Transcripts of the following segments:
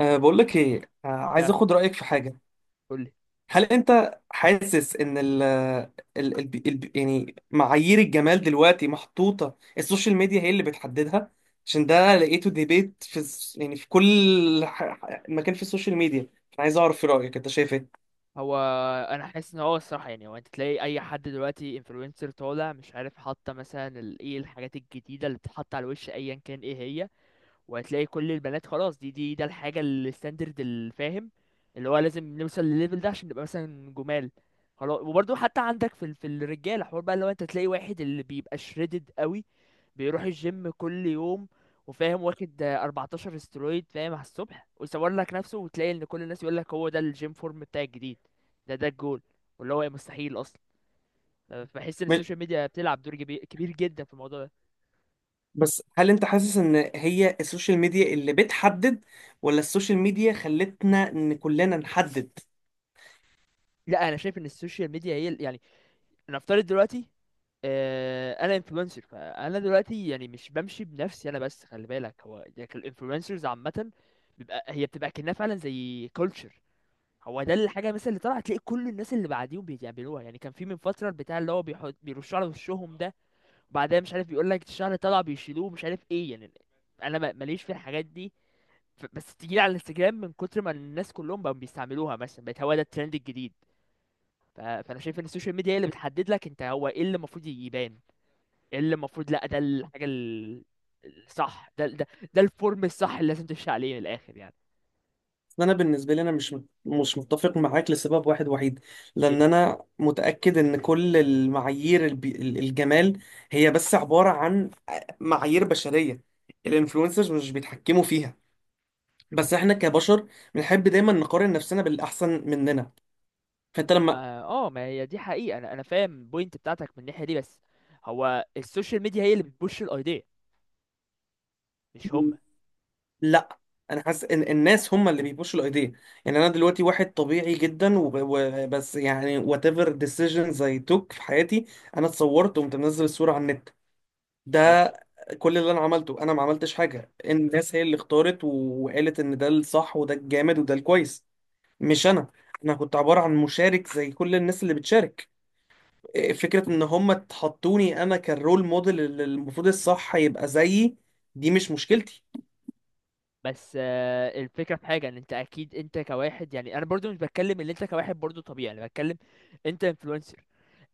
بقول لك ايه. عايز اه. اخد رايك في حاجه. قولي. هل انت حاسس ان ال يعني معايير الجمال دلوقتي محطوطه، السوشيال ميديا هي اللي بتحددها؟ عشان ده لقيته ديبيت في يعني في كل مكان في السوشيال ميديا. أنا عايز اعرف في رايك، انت شايف ايه؟ هو انا حاسس ان هو الصراحه، يعني هو انت تلاقي اي حد دلوقتي انفلونسر طالع مش عارف حاطه مثلا ايه الحاجات الجديده اللي بتتحط على الوش ايا كان ايه هي. وهتلاقي كل البنات خلاص، دي ده الحاجة الستاندرد الفاهم، اللي هو لازم نوصل للليفل ده عشان نبقى مثلا جمال. خلاص. وبرضه حتى عندك في في الرجالة حوار بقى، لو انت تلاقي واحد اللي بيبقى شريدد قوي، بيروح الجيم كل يوم وفاهم، واخد 14 استرويد فاهم على الصبح ويصور لك نفسه، وتلاقي ان كل الناس يقول لك هو ده الجيم فورم بتاع الجديد، ده الجول، واللي هو مستحيل اصلا. بحس ان مش- السوشيال ميديا بتلعب دور كبير جدا في الموضوع ده. بس هل انت حاسس ان هي السوشيال ميديا اللي بتحدد، ولا السوشيال ميديا خلتنا ان كلنا نحدد؟ لا، انا شايف ان السوشيال ميديا هي يعني، نفترض دلوقتي، انا انفلونسر، فانا دلوقتي يعني مش بمشي بنفسي انا بس، خلي بالك هو يعني الانفلونسرز عامه بيبقى هي بتبقى كأنها فعلا زي كلتشر. هو ده الحاجه مثلا اللي طلعت تلاقي كل الناس اللي بعديهم بيعملوها. يعني كان في من فتره البتاع اللي هو بيحط بيرشوا على وشهم ده، وبعدها مش عارف بيقول لك الشعر طلع بيشيلوه مش عارف ايه، يعني انا ماليش في الحاجات دي. بس تيجي على الانستجرام من كتر ما الناس كلهم بقوا بيستعملوها مثلا بقت هو ده الترند الجديد. فانا شايف ان السوشيال ميديا هي اللي بتحدد لك انت هو ايه اللي المفروض يبان، ايه اللي المفروض، لا، ده الحاجه الصح، ده الفورم الصح اللي لازم تمشي عليه من الاخر يعني. انا بالنسبه لي انا مش متفق معاك لسبب واحد وحيد، لان ايه. انا متاكد ان كل المعايير الجمال هي بس عباره عن معايير بشريه. الانفلونسرز مش بيتحكموا فيها، بس احنا كبشر بنحب دايما نقارن نفسنا بالاحسن مننا. فانت لما، اه. ما هي دي حقيقه، انا فاهم البوينت بتاعتك من الناحيه دي، بس هو السوشيال ميديا هي اللي بتبوش الايديا، مش هم. لا، انا حاسس ان الناس هم اللي بيبوشوا الايديا. يعني انا دلوقتي واحد طبيعي جدا، وبس يعني whatever decisions I took في حياتي. انا اتصورت وقمت منزل الصوره على النت. ده ماشي. كل اللي انا عملته، انا ما عملتش حاجه. الناس هي اللي اختارت وقالت ان ده الصح وده الجامد وده الكويس، مش انا. انا كنت عباره عن مشارك زي كل الناس اللي بتشارك. فكره ان هم تحطوني انا كالرول موديل اللي المفروض الصح يبقى زيي، دي مش مشكلتي. بس الفكرة في حاجة ان انت اكيد، انت كواحد يعني انا برضو مش بتكلم ان انت كواحد برضو طبيعي، انا بتكلم انت انفلونسر.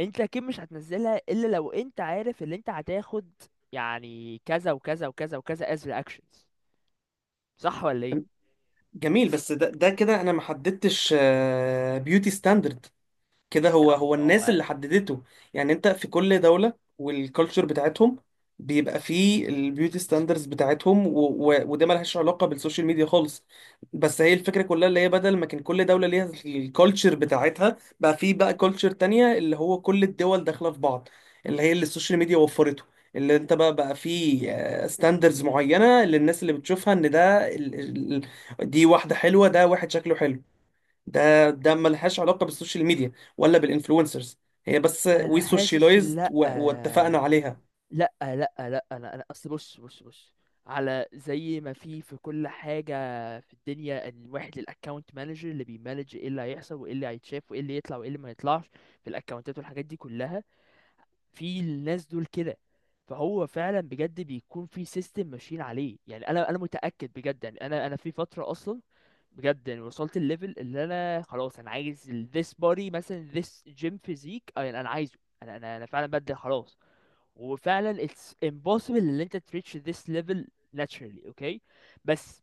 انت اكيد مش هتنزلها الا لو انت عارف ان انت هتاخد يعني كذا وكذا وكذا وكذا as reactions. صح ولا ايه؟ جميل، بس ده كده انا ما حددتش بيوتي ستاندرد. كده هو لا هو الناس هو، اللي حددته. يعني انت في كل دولة والكالتشر بتاعتهم، بيبقى فيه البيوتي ستاندرز بتاعتهم وده ملهاش علاقة بالسوشيال ميديا خالص. بس هي الفكرة كلها اللي هي بدل ما كان كل دولة ليها الكالتشر بتاعتها، بقى فيه بقى كالتشر تانية اللي هو كل الدول داخلة في بعض، اللي هي اللي السوشيال ميديا وفرته. اللي انت بقى فيه ستاندرز معينة للناس اللي بتشوفها، ان ده دي واحدة حلوة، ده واحد شكله حلو. ده ملهاش علاقة بالسوشيال ميديا ولا بالانفلونسرز، هي بس انا وي حاسس إن سوشيالايزد لا، واتفقنا عليها. لا، لا، لا، انا اصل بص بص بص، على زي ما في كل حاجه في الدنيا، إن الواحد الاكونت مانجر اللي بيمانج ايه اللي هيحصل وايه اللي هيتشاف وايه اللي يطلع وايه اللي ما يطلعش في الاكونتات والحاجات دي كلها، في الناس دول كده. فهو فعلا بجد بيكون في سيستم ماشيين عليه. يعني انا متاكد بجد. يعني انا في فتره اصلا بجد، يعني وصلت الليفل اللي انا خلاص انا عايز this body مثلا، this gym physique، يعني انا عايزه، انا فعلا بدي خلاص. وفعلا it's impossible ان انت تريتش this level naturally، اوكي؟ بس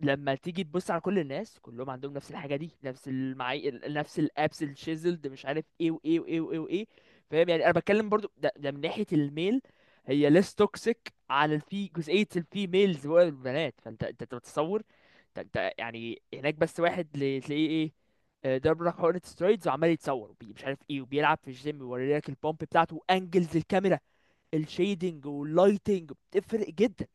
لما تيجي تبص على كل الناس كلهم عندهم نفس الحاجه دي، نفس الابس الشيزلد مش عارف ايه وايه وايه وايه وايه. فاهم؟ يعني انا بتكلم برضو ده من ناحيه الميل. هي less toxic على الفي، جزئيه الفيميلز والبنات. فانت انت بتتصور انت يعني هناك بس واحد تلاقيه ايه، ضرب لك حقنة سترويدز وعمال يتصور مش عارف ايه، وبيلعب في الجيم ويوري لك البومب بتاعته، وانجلز الكاميرا، الشيدنج واللايتنج بتفرق جدا،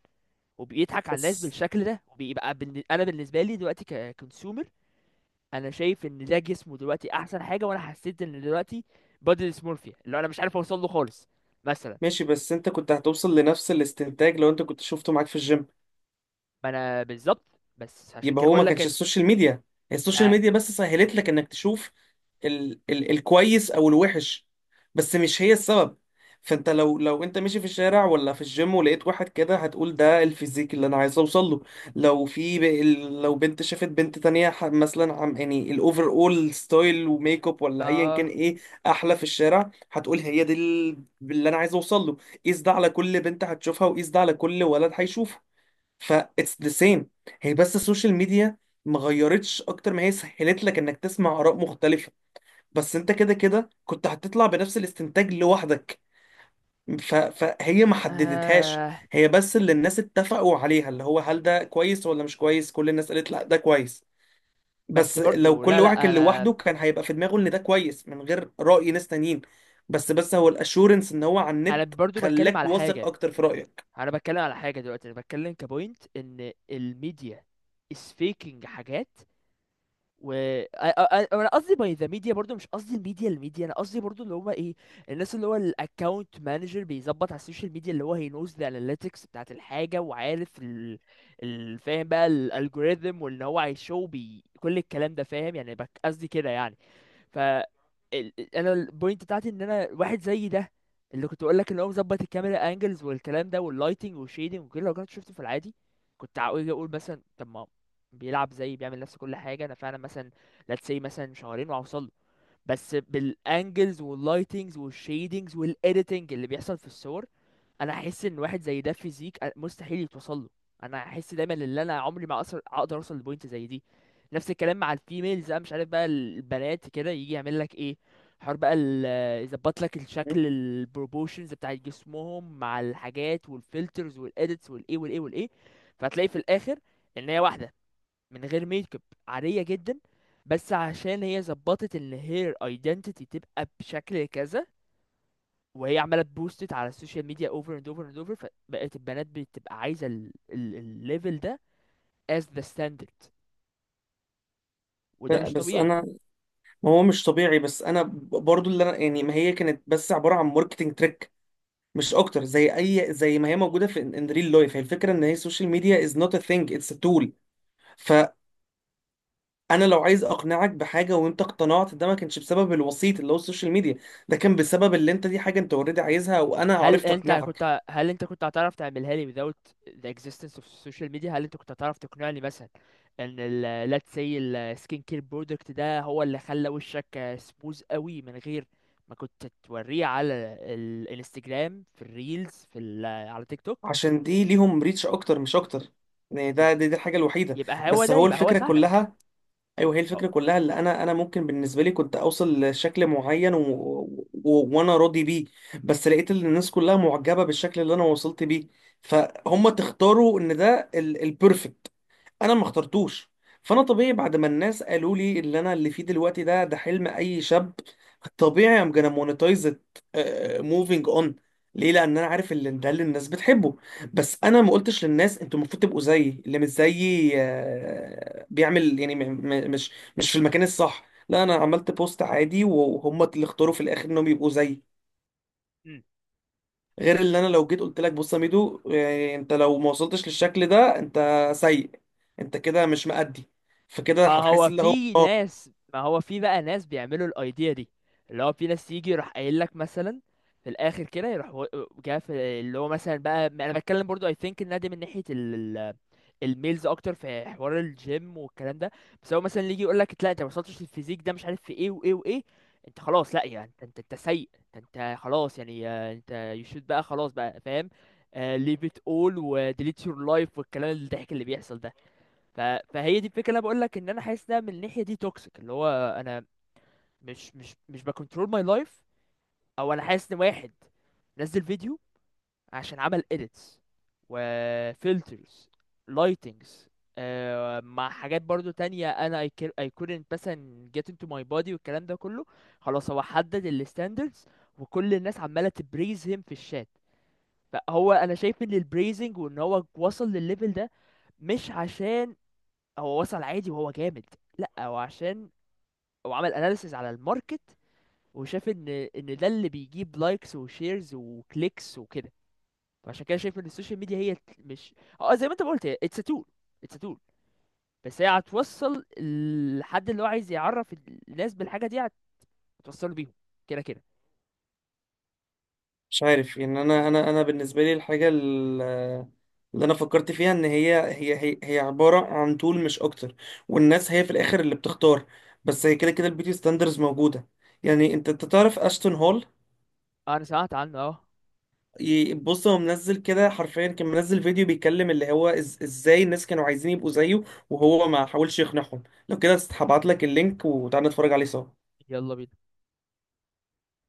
وبيضحك على الناس بس بالشكل ده وبيبقى بالن. انا بالنسبه لي دلوقتي ككونسيومر انا شايف ان ده جسمه دلوقتي احسن حاجه، وانا حسيت ان دلوقتي بادي ديسمورفيا اللي انا مش عارف اوصل له خالص مثلا. ماشي، بس انت كنت هتوصل لنفس الاستنتاج لو انت كنت شفته معاك في الجيم. ما انا بالظبط، بس عشان يبقى كده هو ما بقول لك كانش ان السوشيال ميديا، هي السوشيال ما... ميديا بس سهلت لك انك تشوف ال الكويس او الوحش، بس مش هي السبب. فانت لو انت ماشي في الشارع ولا في الجيم ولقيت واحد كده، هتقول ده الفيزيك اللي انا عايز اوصل له. لو في لو بنت شافت بنت تانية مثلا عم يعني الاوفر اول ستايل وميك اب ولا ايا كان آه... ايه احلى في الشارع، هتقول هي دي اللي انا عايز اوصل له. قيس ده على كل بنت هتشوفها، وقيس ده على كل ولد هيشوفه. ف اتس ذا سيم. هي بس السوشيال ميديا ما غيرتش، اكتر ما هي سهلت لك انك تسمع اراء مختلفه. بس انت كده كده كنت هتطلع بنفس الاستنتاج لوحدك. فهي ما حددتهاش، اه. هي بس اللي الناس اتفقوا عليها، اللي هو هل ده كويس ولا مش كويس. كل الناس قالت لا، ده كويس. بس بس لو برضو كل لا، واحد لا، كان لوحده انا كان هيبقى في دماغه ان ده كويس من غير رأي ناس تانيين. بس هو الاشورنس ان هو على انا النت برضو بتكلم خلاك على واثق حاجه. اكتر في رأيك. انا بتكلم على حاجه دلوقتي، انا بتكلم كبوينت ان الميديا is faking حاجات، و انا قصدي باي ذا ميديا، برضو مش قصدي الميديا الميديا، انا قصدي برضو اللي هو ايه، الناس اللي هو الاكونت مانجر بيظبط على السوشيال ميديا، اللي هو هي نوز ذا اناليتكس بتاعت الحاجه وعارف فاهم بقى الالجوريثم، وان هو هيشو بي كل الكلام ده، فاهم؟ يعني قصدي كده يعني. ف ال- انا البوينت بتاعتي ان انا واحد زي ده اللي كنت بقول لك، اللي هو مظبط الكاميرا انجلز والكلام ده واللايتنج والشيدنج وكده، لو كنت شفته في العادي كنت هقول، اقول مثلا طب ما بيلعب زي، بيعمل نفس كل حاجه، انا فعلا مثلا let's say مثلا شهرين وهوصل له. بس بالانجلز واللايتنجز والشيدنجز والايديتنج اللي بيحصل في الصور، انا احس ان واحد زي ده فيزيك مستحيل يتوصل له. انا احس دايما ان انا عمري ما اقدر اوصل لبوينت زي دي. نفس الكلام مع الفيميلز. انا مش عارف بقى البنات كده يجي يعمل لك ايه، حوار بقى يظبط لك الشكل، البروبوشنز بتاع جسمهم مع الحاجات والفلترز والاديتس والايه والايه والايه. فهتلاقي في الاخر ان هي واحده من غير ميك اب، عاديه جدا، بس عشان هي ظبطت ان هير ايدنتيتي تبقى بشكل كذا، وهي عماله تبوستت على السوشيال ميديا اوفر اند اوفر اند اوفر، فبقت البنات بتبقى عايزه الليفل ده as the standard، وده لا، مش بس طبيعي. انا، ما هو مش طبيعي. بس انا برضو اللي انا يعني ما هي كانت بس عباره عن ماركتنج تريك مش اكتر، زي اي زي ما هي موجوده في ان ريل لايف. هي الفكره ان هي السوشيال ميديا از نوت ا ثينج، اتس ا تول. فانا لو عايز اقنعك بحاجه وانت اقتنعت، ده ما كانش بسبب الوسيط اللي هو السوشيال ميديا، ده كان بسبب اللي انت دي حاجه انت اوريدي عايزها وانا عرفت اقنعك. هل انت كنت هتعرف تعملها لي without the existence of social media؟ هل انت كنت هتعرف تقنعني مثلا ان ال let's say ال skin care product ده هو اللي خلى وشك سموز قوي من غير ما كنت توريه على الانستجرام، في الريلز، في ال، على تيك توك؟ عشان دي ليهم ريتش اكتر مش اكتر. يعني دي الحاجه الوحيده. يبقى هو بس ده، هو يبقى هو الفكره ساعدك. كلها، ايوه هي اه. الفكره كلها اللي انا ممكن بالنسبه لي كنت اوصل لشكل معين وانا راضي بيه. بس لقيت ان الناس كلها معجبه بالشكل اللي انا وصلت بيه، فهم تختاروا ان ده البرفكت، انا ما اخترتوش. فانا طبيعي بعد ما الناس قالوا لي اللي انا اللي فيه دلوقتي ده، ده حلم اي شاب. طبيعي ام gonna monetize it، موفينج اون. ليه؟ لان انا عارف اللي ده اللي الناس بتحبه. بس انا ما قلتش للناس انتوا المفروض تبقوا زيي. اللي مش زيي بيعمل يعني مش مش في المكان الصح. لا، انا عملت بوست عادي وهم اللي اختاروا في الاخر انهم يبقوا زيي. غير اللي انا لو جيت قلت لك، بص يا ميدو، يعني انت لو ما وصلتش للشكل ده انت سيء، انت كده مش مأدي، فكده هتحس اللي هو اه. ما هو في بقى ناس بيعملوا الايديا دي، اللي هو في ناس يجي يروح قايل لك مثلا، في الاخر كده يروح جا في، اللي هو مثلا بقى انا بتكلم برضو اي ثينك ان ده من ناحيه ال الميلز اكتر في حوار الجيم والكلام ده. بس هو مثلا اللي يجي يقول لك لا انت ما وصلتش للفيزيك ده مش عارف في ايه وايه وايه، انت خلاص، لا يعني انت سيء، انت خلاص يعني، انت يشوت بقى خلاص بقى، فاهم؟ ليف ات اول وديليت يور لايف والكلام الضحك اللي بيحصل ده. ف... فهي دي الفكره اللي انا بقول لك ان انا حاسس ان من الناحيه دي توكسيك، اللي هو انا مش بكنترول ماي لايف. او انا حاسس ان واحد نزل فيديو، عشان عمل edits و filters، lightings، مع حاجات برضو تانية انا I couldn't مثلا get into my body والكلام ده كله، خلاص هو حدد ال standards، وكل الناس عمالة تبريز him في الشات. فهو انا شايف ان البريزنج وان هو وصل للليفل ده مش عشان هو وصل عادي وهو جامد، لا، هو عشان هو عمل اناليسيز على الماركت، وشاف ان ده اللي بيجيب لايكس وشيرز وكليكس وكده. فعشان كده شايف ان السوشيال ميديا هي مش، اه، زي ما انت ما قلت، هي اتس تول. اتس تول، بس هي هتوصل لحد اللي هو عايز يعرف الناس بالحاجه دي، هتوصله بيهم كده كده. مش عارف يعني، انا انا بالنسبه لي الحاجه اللي انا فكرت فيها ان هي عباره عن طول مش اكتر، والناس هي في الاخر اللي بتختار. بس هي كده كده البيوتي ستاندرز موجوده. يعني انت تعرف اشتون هول؟ انا سمعت عنه اه. بص، هو منزل كده حرفيا، كان منزل فيديو بيتكلم اللي هو إز ازاي الناس كانوا عايزين يبقوا زيه، وهو ما حاولش يقنعهم. لو كده هبعت لك اللينك وتعالى نتفرج عليه سوا. يلا بينا.